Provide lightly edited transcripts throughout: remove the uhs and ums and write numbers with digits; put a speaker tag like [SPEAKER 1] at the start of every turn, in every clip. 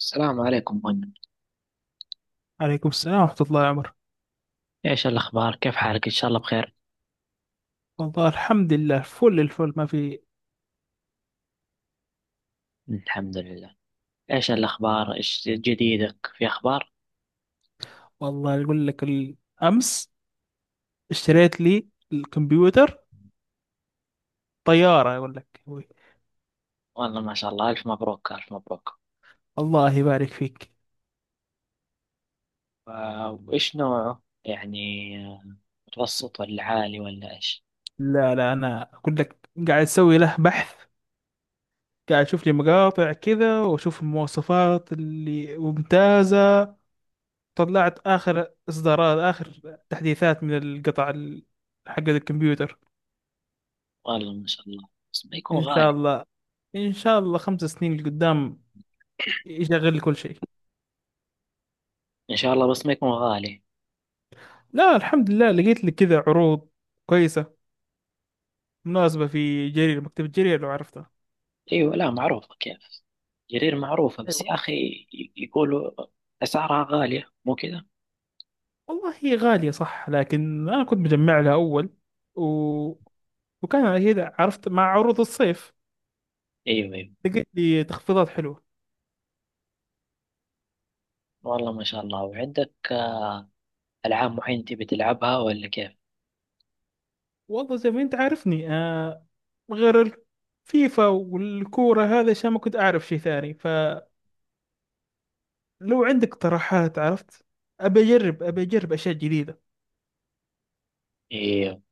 [SPEAKER 1] السلام عليكم منى.
[SPEAKER 2] عليكم السلام ورحمة الله يا عمر.
[SPEAKER 1] ايش الاخبار؟ كيف حالك؟ ان شاء الله بخير.
[SPEAKER 2] والله الحمد لله فل الفل ما في.
[SPEAKER 1] الحمد لله. ايش الاخبار؟ ايش جديدك في اخبار؟
[SPEAKER 2] والله أقول لك أمس اشتريت لي الكمبيوتر طيارة أقول لك.
[SPEAKER 1] والله ما شاء الله، الف مبروك الف مبروك.
[SPEAKER 2] الله يبارك فيك.
[SPEAKER 1] وايش نوعه يعني؟ آه، متوسط ولا عالي ولا ايش؟
[SPEAKER 2] لا لا أنا أقول لك قاعد أسوي له بحث، قاعد أشوف لي مقاطع كذا وأشوف المواصفات اللي ممتازة. طلعت آخر إصدارات آخر تحديثات من القطع حق الكمبيوتر.
[SPEAKER 1] والله ما شاء الله، بس ما يكون
[SPEAKER 2] إن شاء
[SPEAKER 1] غالي.
[SPEAKER 2] الله. إن شاء الله 5 سنين لقدام يشغل لي كل شيء.
[SPEAKER 1] ان شاء الله، بس ما يكون غالي.
[SPEAKER 2] لا الحمد لله، لقيت لي كذا عروض كويسة مناسبة في جرير، مكتبة جرير لو عرفتها.
[SPEAKER 1] ايوه، لا معروفة كيف. جرير معروفة بس
[SPEAKER 2] ايوه.
[SPEAKER 1] يا اخي، يقولوا اسعارها غالية، مو كذا؟
[SPEAKER 2] والله هي غالية صح، لكن أنا كنت مجمع لها أول و... وكان كذا، عرفت مع عروض الصيف
[SPEAKER 1] ايوه ايوه،
[SPEAKER 2] لقيت لي تخفيضات حلوة.
[SPEAKER 1] والله ما شاء الله. وعندك العاب معينة تبي تلعبها ولا كيف؟
[SPEAKER 2] والله زي ما أنت عارفني، آه، غير الفيفا والكورة، هذا عشان ما كنت أعرف شيء ثاني. فلو عندك اقتراحات عرفت، أبي أجرب أبي أجرب أشياء جديدة.
[SPEAKER 1] ايوه.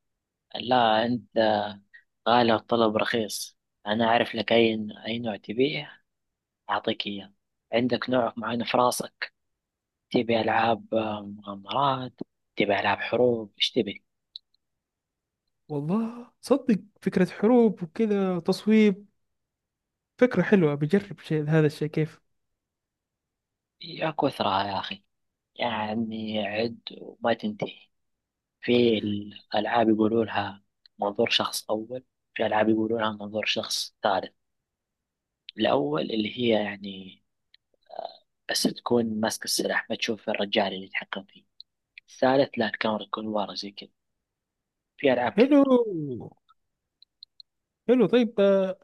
[SPEAKER 1] لا، أنت غالي الطلب رخيص، أنا أعرف لك أي نوع تبيه أعطيك إياه. عندك نوع معين في راسك؟ تبي ألعاب مغامرات؟ تبي ألعاب حروب؟ إيش تبي؟
[SPEAKER 2] والله صدق فكرة حروب وكذا تصويب فكرة حلوة، بجرب شيء، هذا الشيء كيف.
[SPEAKER 1] يا كثرة يا أخي، يعني عد وما تنتهي. في الألعاب يقولوا لها منظور شخص أول، في ألعاب يقولوا لها منظور شخص ثالث. الأول اللي هي يعني آه، بس تكون ماسك السلاح، ما تشوف الرجال اللي يتحكم فيه. الثالث لا، الكاميرا تكون ورا زي كذا. في ألعاب
[SPEAKER 2] حلو
[SPEAKER 1] كتير.
[SPEAKER 2] حلو. طيب،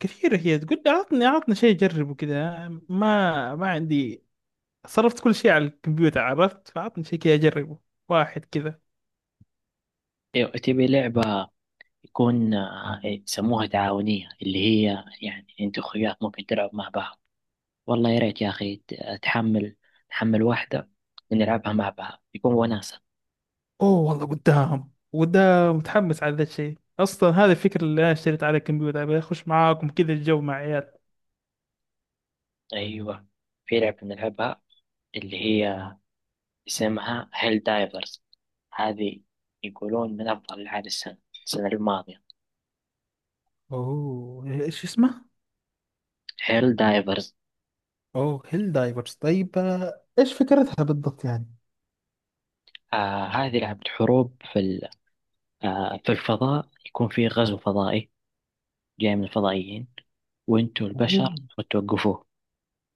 [SPEAKER 2] كثيرة هي، تقول لي عطني عطني شيء أجربه كذا، ما عندي، صرفت كل شيء على الكمبيوتر عرفت، فعطني شيء كذا أجربه واحد كذا.
[SPEAKER 1] أيوة، تبي لعبة يكون إيه، يسموها تعاونية، اللي هي يعني أنت وأخوياك ممكن تلعب مع بعض. والله يا ريت يا أخي تحمل، تحمل واحدة نلعبها مع بعض يكون وناسة.
[SPEAKER 2] أوه والله قدام قدام متحمس على ذا الشيء أصلا. هذا الفكرة اللي أنا اشتريت على الكمبيوتر، أبي أخش معاكم كذا الجو مع عيال.
[SPEAKER 1] أيوة، في لعبة نلعبها اللي هي اسمها هيل دايفرز، هذه يقولون من أفضل ألعاب السنة، السنة الماضية.
[SPEAKER 2] اوه، ايش اسمه؟
[SPEAKER 1] هيل دايفرز.
[SPEAKER 2] اوه، هيل دايفرز. طيب ايش فكرتها بالضبط يعني؟
[SPEAKER 1] آه، هذه لعبة حروب في آه، في الفضاء، يكون في غزو فضائي جاي من الفضائيين وانتوا
[SPEAKER 2] اوه.
[SPEAKER 1] البشر وتوقفوه.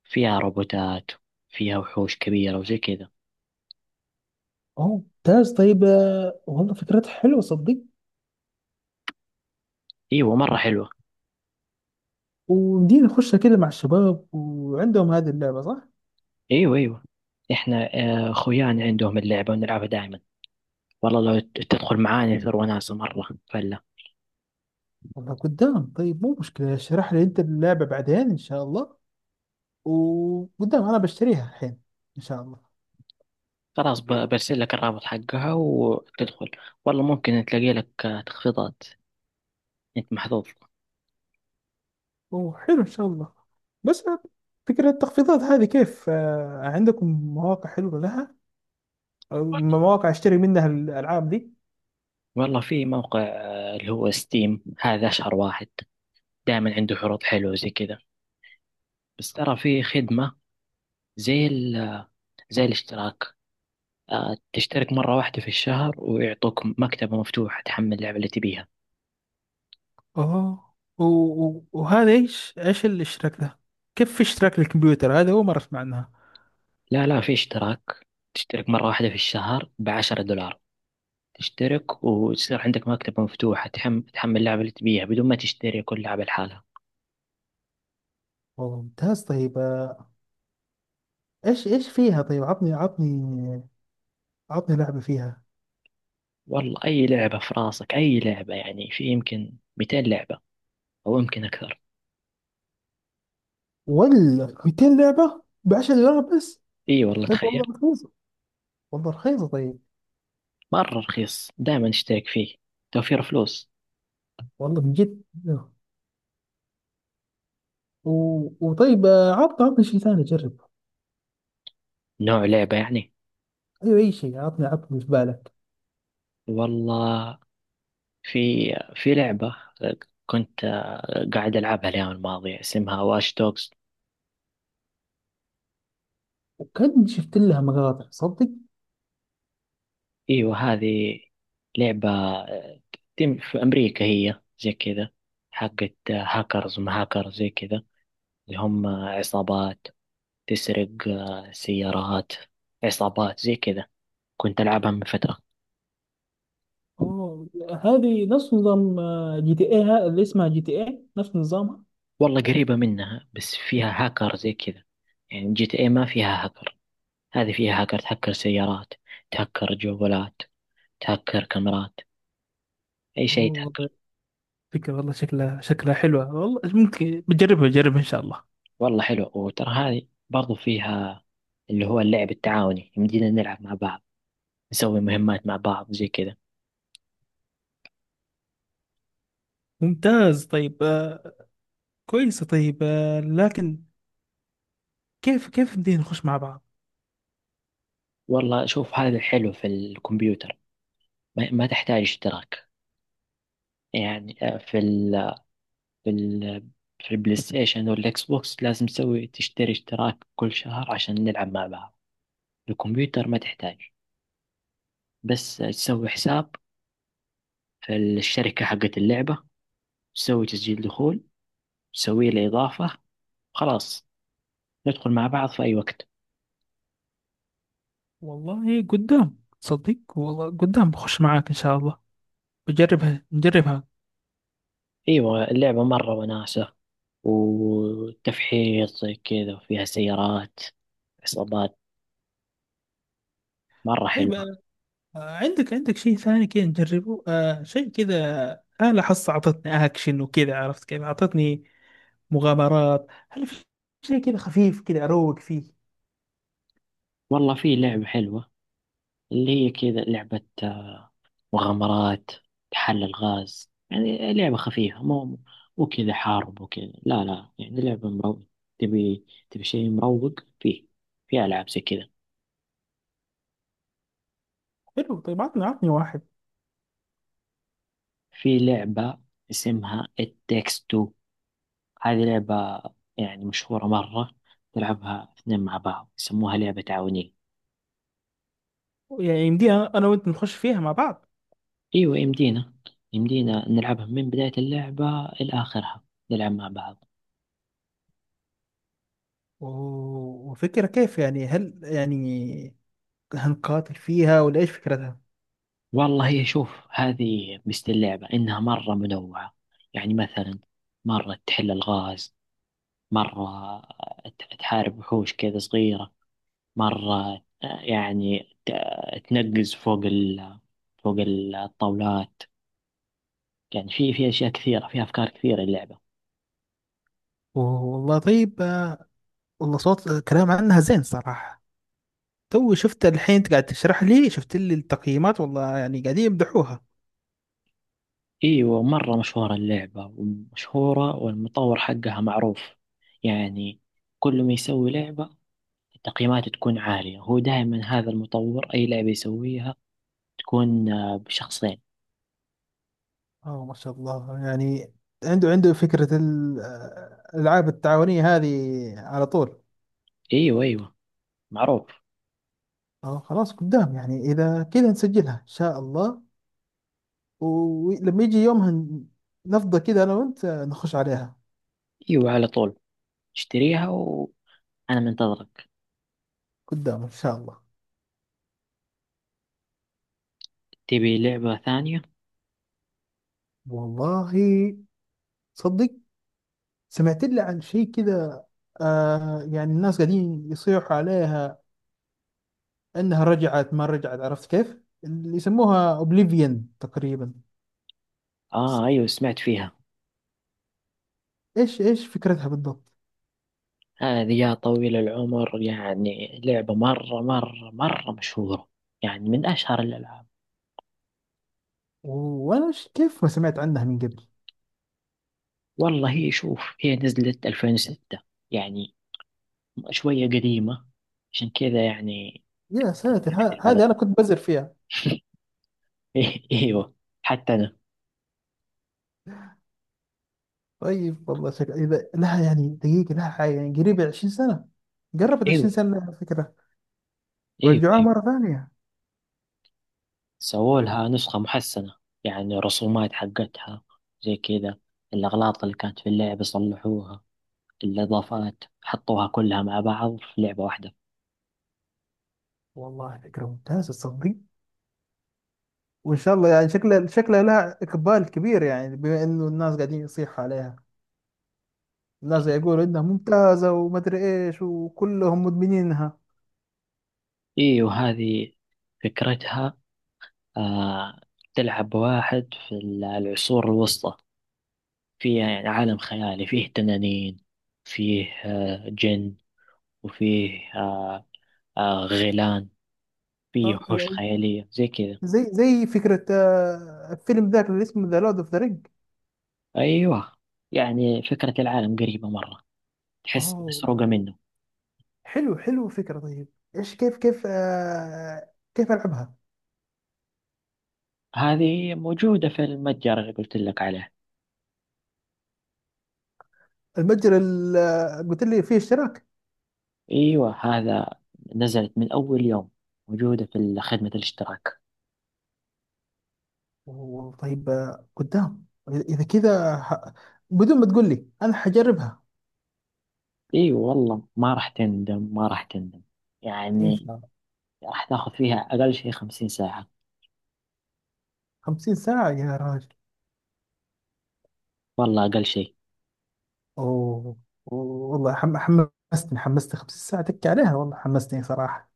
[SPEAKER 1] فيها روبوتات، فيها وحوش كبيرة وزي كذا.
[SPEAKER 2] اوه ممتاز. طيب والله فكرتها حلوة صدق.
[SPEAKER 1] ايوه مرة حلوة.
[SPEAKER 2] وندير نخش كده مع الشباب وعندهم هذه اللعبة صح؟
[SPEAKER 1] ايوه ايوه، احنا خويان عندهم اللعبة ونلعبها دائما. والله لو تدخل معانا يصير وناسة مرة فلا.
[SPEAKER 2] والله قدام. طيب مو مشكلة، اشرح لي انت اللعبة بعدين ان شاء الله، وقدام انا بشتريها الحين ان شاء الله.
[SPEAKER 1] خلاص، برسل لك الرابط حقها وتدخل، والله ممكن تلاقي لك تخفيضات، انت محظوظ.
[SPEAKER 2] وحلو ان شاء الله. بس فكرة التخفيضات هذه كيف؟ عندكم مواقع حلوة لها، أو مواقع اشتري منها الالعاب دي؟
[SPEAKER 1] والله في موقع اللي هو ستيم، هذا اشهر واحد، دائما عنده عروض حلوة زي كذا. بس ترى في خدمة زي زي الاشتراك، تشترك مرة واحدة في الشهر ويعطوك مكتبة مفتوحة تحمل اللعبة اللي تبيها.
[SPEAKER 2] اه، وهذا ايش ايش الاشتراك ده؟ كيف في اشتراك للكمبيوتر؟ هذا اول مره اسمع عنها.
[SPEAKER 1] لا لا، في اشتراك، تشترك مرة واحدة في الشهر ب10 دولار، تشترك وتصير عندك مكتبة مفتوحة تحمل اللعبة اللي تبيها بدون ما تشتري كل لعبة لحالها.
[SPEAKER 2] والله ممتاز. طيب ايش ايش فيها؟ طيب عطني عطني، عطني لعبة فيها.
[SPEAKER 1] والله أي لعبة في راسك، أي لعبة، يعني في يمكن 200 لعبة أو يمكن أكثر.
[SPEAKER 2] ولا 200 لعبة ب 10 دولار بس؟
[SPEAKER 1] إي والله
[SPEAKER 2] طيب
[SPEAKER 1] تخيل،
[SPEAKER 2] والله رخيصة، والله رخيصة طيب.
[SPEAKER 1] مرة رخيص، دائما اشترك فيه، توفير فلوس.
[SPEAKER 2] والله من جد. و... وطيب، عطني عطني شيء ثاني أجرب.
[SPEAKER 1] نوع لعبة يعني؟
[SPEAKER 2] أيوة أي شيء، عطني عطني اللي في بالك.
[SPEAKER 1] والله في في لعبة كنت قاعد ألعبها الأيام الماضية اسمها واش دوجز.
[SPEAKER 2] وكان شفت لها مقاطع صدق.
[SPEAKER 1] أيوة، هذه لعبة تم في أمريكا، هي زي كذا حقت هاكرز، ما هاكرز زي كذا، اللي هم عصابات تسرق سيارات، عصابات زي كذا. كنت ألعبها من فترة.
[SPEAKER 2] أوه، هذه نفس نظام جي تي اي، اللي اسمها جي تي اي نفس نظامها.
[SPEAKER 1] والله قريبة منها بس فيها هاكر زي كذا، يعني GTA ما فيها هاكر، هذه فيها هاكر تهكر سيارات، تهكر جوالات، تهكر كاميرات، أي
[SPEAKER 2] أوه.
[SPEAKER 1] شيء
[SPEAKER 2] والله
[SPEAKER 1] يتهكر.
[SPEAKER 2] فكرة، والله شكلها شكلها حلوة، والله ممكن بجربها بجربها إن شاء الله.
[SPEAKER 1] والله حلو، وترى هذه برضو فيها اللي هو اللعب التعاوني، يمدينا نلعب مع بعض، نسوي مهمات مع بعض زي كذا.
[SPEAKER 2] ممتاز طيب، آه، كويس. طيب، آه، لكن كيف كيف بدينا نخش مع بعض؟
[SPEAKER 1] والله شوف هذا الحلو في الكمبيوتر، ما تحتاج اشتراك، يعني في ال في البلاي ستيشن والإكس بوكس لازم تسوي تشتري اشتراك كل شهر عشان نلعب مع بعض. الكمبيوتر ما تحتاج، بس تسوي حساب في الشركة حقت اللعبة، تسوي تسجيل دخول، تسوي له إضافة، خلاص ندخل مع بعض في أي وقت.
[SPEAKER 2] والله قدام تصدق، والله قدام بخش معاك إن شاء الله، بجربها نجربها.
[SPEAKER 1] ايوه، اللعبة مرة وناسة، وتفحيط زي كذا، وفيها سيارات، عصابات، مرة
[SPEAKER 2] طيب
[SPEAKER 1] حلوة.
[SPEAKER 2] عندك عندك شيء ثاني كذا نجربه، آه شيء كذا؟ آلة حس أعطتني أكشن وكذا عرفت كيف، أعطتني مغامرات. هل في شيء كذا خفيف كذا أروق فيه؟
[SPEAKER 1] والله في لعبة حلوة اللي هي كذا لعبة مغامرات، تحل الغاز، يعني لعبة خفيفة، مو كذا حارب وكذا، لا لا، يعني لعبة مروق، تبي شيء مروق فيه، في ألعاب زي كذا.
[SPEAKER 2] حلو. طيب عطني عطني واحد.
[SPEAKER 1] في لعبة اسمها It Takes Two، هذه لعبة يعني مشهورة مرة، تلعبها اثنين مع بعض، يسموها لعبة تعاونية.
[SPEAKER 2] يعني يمدي أنا أنا وأنت نخش فيها مع بعض؟
[SPEAKER 1] أيوة يمدينا نلعبها من بداية اللعبة إلى آخرها، نلعب مع بعض.
[SPEAKER 2] وفكرة كيف يعني؟ هل يعني هنقاتل فيها ولا إيش فكرتها؟
[SPEAKER 1] والله هي شوف، هذه مثل اللعبة إنها مرة منوعة، يعني مثلا مرة تحل الغاز، مرة تحارب وحوش كذا صغيرة، مرة يعني تنقز فوق فوق الطاولات، يعني في أشياء كثيرة، في أفكار كثيرة اللعبة.
[SPEAKER 2] والله طيب، والله صوت، كلام عنها زين صراحة. تو شفت الحين انت قاعد تشرح لي، شفت لي التقييمات والله يعني قاعدين يمدحوها.
[SPEAKER 1] ايوه، مرة مشهورة اللعبة ومشهورة، والمطور حقها معروف، يعني كل ما يسوي لعبة التقييمات تكون عالية. هو دائما هذا المطور اي لعبة يسويها تكون بشخصين.
[SPEAKER 2] اه ما شاء الله. يعني عنده عنده فكرة الألعاب التعاونية هذه على طول.
[SPEAKER 1] ايوه ايوه، معروف.
[SPEAKER 2] اه خلاص قدام. يعني إذا كذا نسجلها إن شاء الله، ولما يجي يومها نفضى كذا أنا وأنت نخش عليها.
[SPEAKER 1] ايوه، على طول، اشتريها وانا منتظرك.
[SPEAKER 2] قدام إن شاء الله.
[SPEAKER 1] تبي لعبة ثانية؟
[SPEAKER 2] والله صدق سمعت لي عن شيء كذا، آه، يعني الناس قاعدين يصيحوا عليها انها رجعت ما رجعت عرفت كيف، اللي يسموها اوبليفيون تقريبا.
[SPEAKER 1] اه، ايوه سمعت فيها.
[SPEAKER 2] ايش ايش فكرتها بالضبط؟
[SPEAKER 1] هذه يا طويل العمر يعني لعبة مرة مرة مرة مشهورة، يعني من اشهر الالعاب.
[SPEAKER 2] وانا كيف ما سمعت عنها من قبل؟
[SPEAKER 1] والله هي شوف، هي نزلت 2006، يعني شوية قديمة، عشان كذا يعني.
[SPEAKER 2] يا ساتر،
[SPEAKER 1] على
[SPEAKER 2] هذه انا كنت بزر فيها.
[SPEAKER 1] ايوه، حتى انا.
[SPEAKER 2] طيب والله اذا لها يعني دقيقه، لها حاجه يعني قريبه 20 سنه، قربت
[SPEAKER 1] ايوه
[SPEAKER 2] 20 سنه لها الفكره.
[SPEAKER 1] ايوه
[SPEAKER 2] رجعوها
[SPEAKER 1] ايوه.
[SPEAKER 2] مره ثانيه.
[SPEAKER 1] سووا لها نسخة محسنة، يعني الرسومات حقتها زي كذا، الأغلاط اللي كانت في اللعبة صلحوها، الإضافات حطوها كلها مع بعض في لعبة واحدة.
[SPEAKER 2] والله فكره ممتازه تصدق. وان شاء الله يعني شكلها شكلها لها اقبال كبير، يعني بما انه الناس قاعدين يصيحوا عليها، الناس يقولوا انها ممتازه، وما ادري ايش، وكلهم مدمنينها.
[SPEAKER 1] ايوه، هذه فكرتها آه، تلعب واحد في العصور الوسطى، فيه يعني عالم خيالي، فيه تنانين، فيه جن، وفيه غيلان، فيه وحوش
[SPEAKER 2] اه،
[SPEAKER 1] خيالية زي كذا.
[SPEAKER 2] زي زي فكرة فيلم ذاك اللي اسمه ذا لورد اوف ذا رينج.
[SPEAKER 1] أيوة، يعني فكرة العالم قريبة مرة، تحس
[SPEAKER 2] اه
[SPEAKER 1] مسروقة منه.
[SPEAKER 2] حلو حلو فكرة. طيب ايش كيف كيف، آه، كيف العبها؟
[SPEAKER 1] هذه موجودة في المتجر اللي قلت لك عليه.
[SPEAKER 2] المتجر اللي قلت لي فيه اشتراك؟
[SPEAKER 1] أيوة، هذا نزلت من أول يوم، موجودة في خدمة الاشتراك.
[SPEAKER 2] أوه، طيب، قدام اذا كذا، بدون ما تقول لي انا حجربها
[SPEAKER 1] أيوة والله ما راح تندم، ما راح تندم،
[SPEAKER 2] ان شاء
[SPEAKER 1] يعني
[SPEAKER 2] الله.
[SPEAKER 1] راح تاخذ فيها أقل شيء 50 ساعة.
[SPEAKER 2] 50 ساعة يا راجل؟
[SPEAKER 1] والله أقل شيء.
[SPEAKER 2] اوه. أوه. والله حمستني حمستني 50 ساعة تكي عليها، والله حمستني صراحة.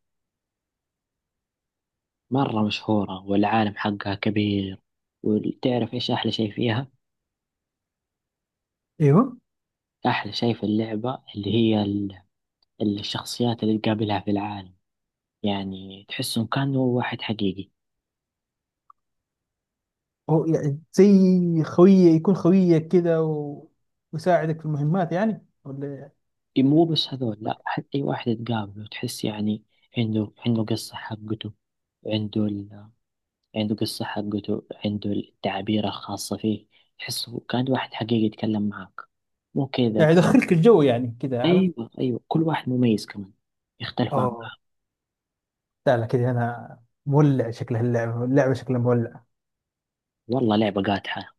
[SPEAKER 1] مرة مشهورة والعالم حقها كبير. وتعرف إيش أحلى شيء فيها؟
[SPEAKER 2] ايوه.
[SPEAKER 1] أحلى شيء في اللعبة اللي هي الشخصيات اللي تقابلها في العالم، يعني تحسهم كانوا واحد حقيقي.
[SPEAKER 2] هو يعني زي خويه، يكون خويك كده، ويساعدك في المهمات يعني ولا؟
[SPEAKER 1] مو بس هذول، لا، حتى أي واحد تقابله تحس يعني عنده قصة حقته، عنده ال... عنده قصة حقته، عنده التعابير الخاصة فيه، تحسه كان واحد حقيقي يتكلم معك، مو كذا
[SPEAKER 2] يعني
[SPEAKER 1] كان.
[SPEAKER 2] يدخلك الجو يعني كده عارف.
[SPEAKER 1] أيوه أيوه، كل واحد مميز كمان، يختلف عن.
[SPEAKER 2] اه. لا لا كده، انا مولع، شكلها اللعبه اللعبه شكلها مولع.
[SPEAKER 1] والله لعبة قاتحة.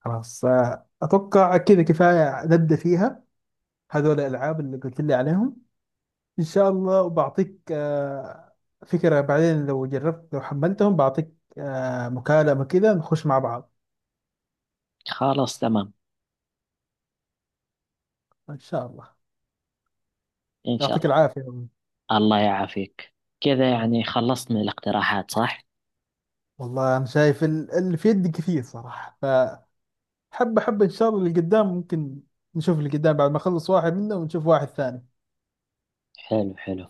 [SPEAKER 2] خلاص، اتوقع كده كفايه، نبدا فيها هذول الالعاب اللي قلت لي عليهم ان شاء الله، وبعطيك فكره بعدين لو جربت، لو حملتهم بعطيك مكالمه كده نخش مع بعض
[SPEAKER 1] خلاص تمام.
[SPEAKER 2] ان شاء الله.
[SPEAKER 1] إن شاء
[SPEAKER 2] يعطيك
[SPEAKER 1] الله.
[SPEAKER 2] العافيه.
[SPEAKER 1] الله يعافيك. كذا يعني خلصنا الاقتراحات، صح؟
[SPEAKER 2] والله أنا شايف اللي في يدي كثير صراحة، فحب حب إن شاء الله اللي قدام ممكن، نشوف اللي قدام بعد ما أخلص واحد منه ونشوف واحد ثاني.
[SPEAKER 1] حلو حلو.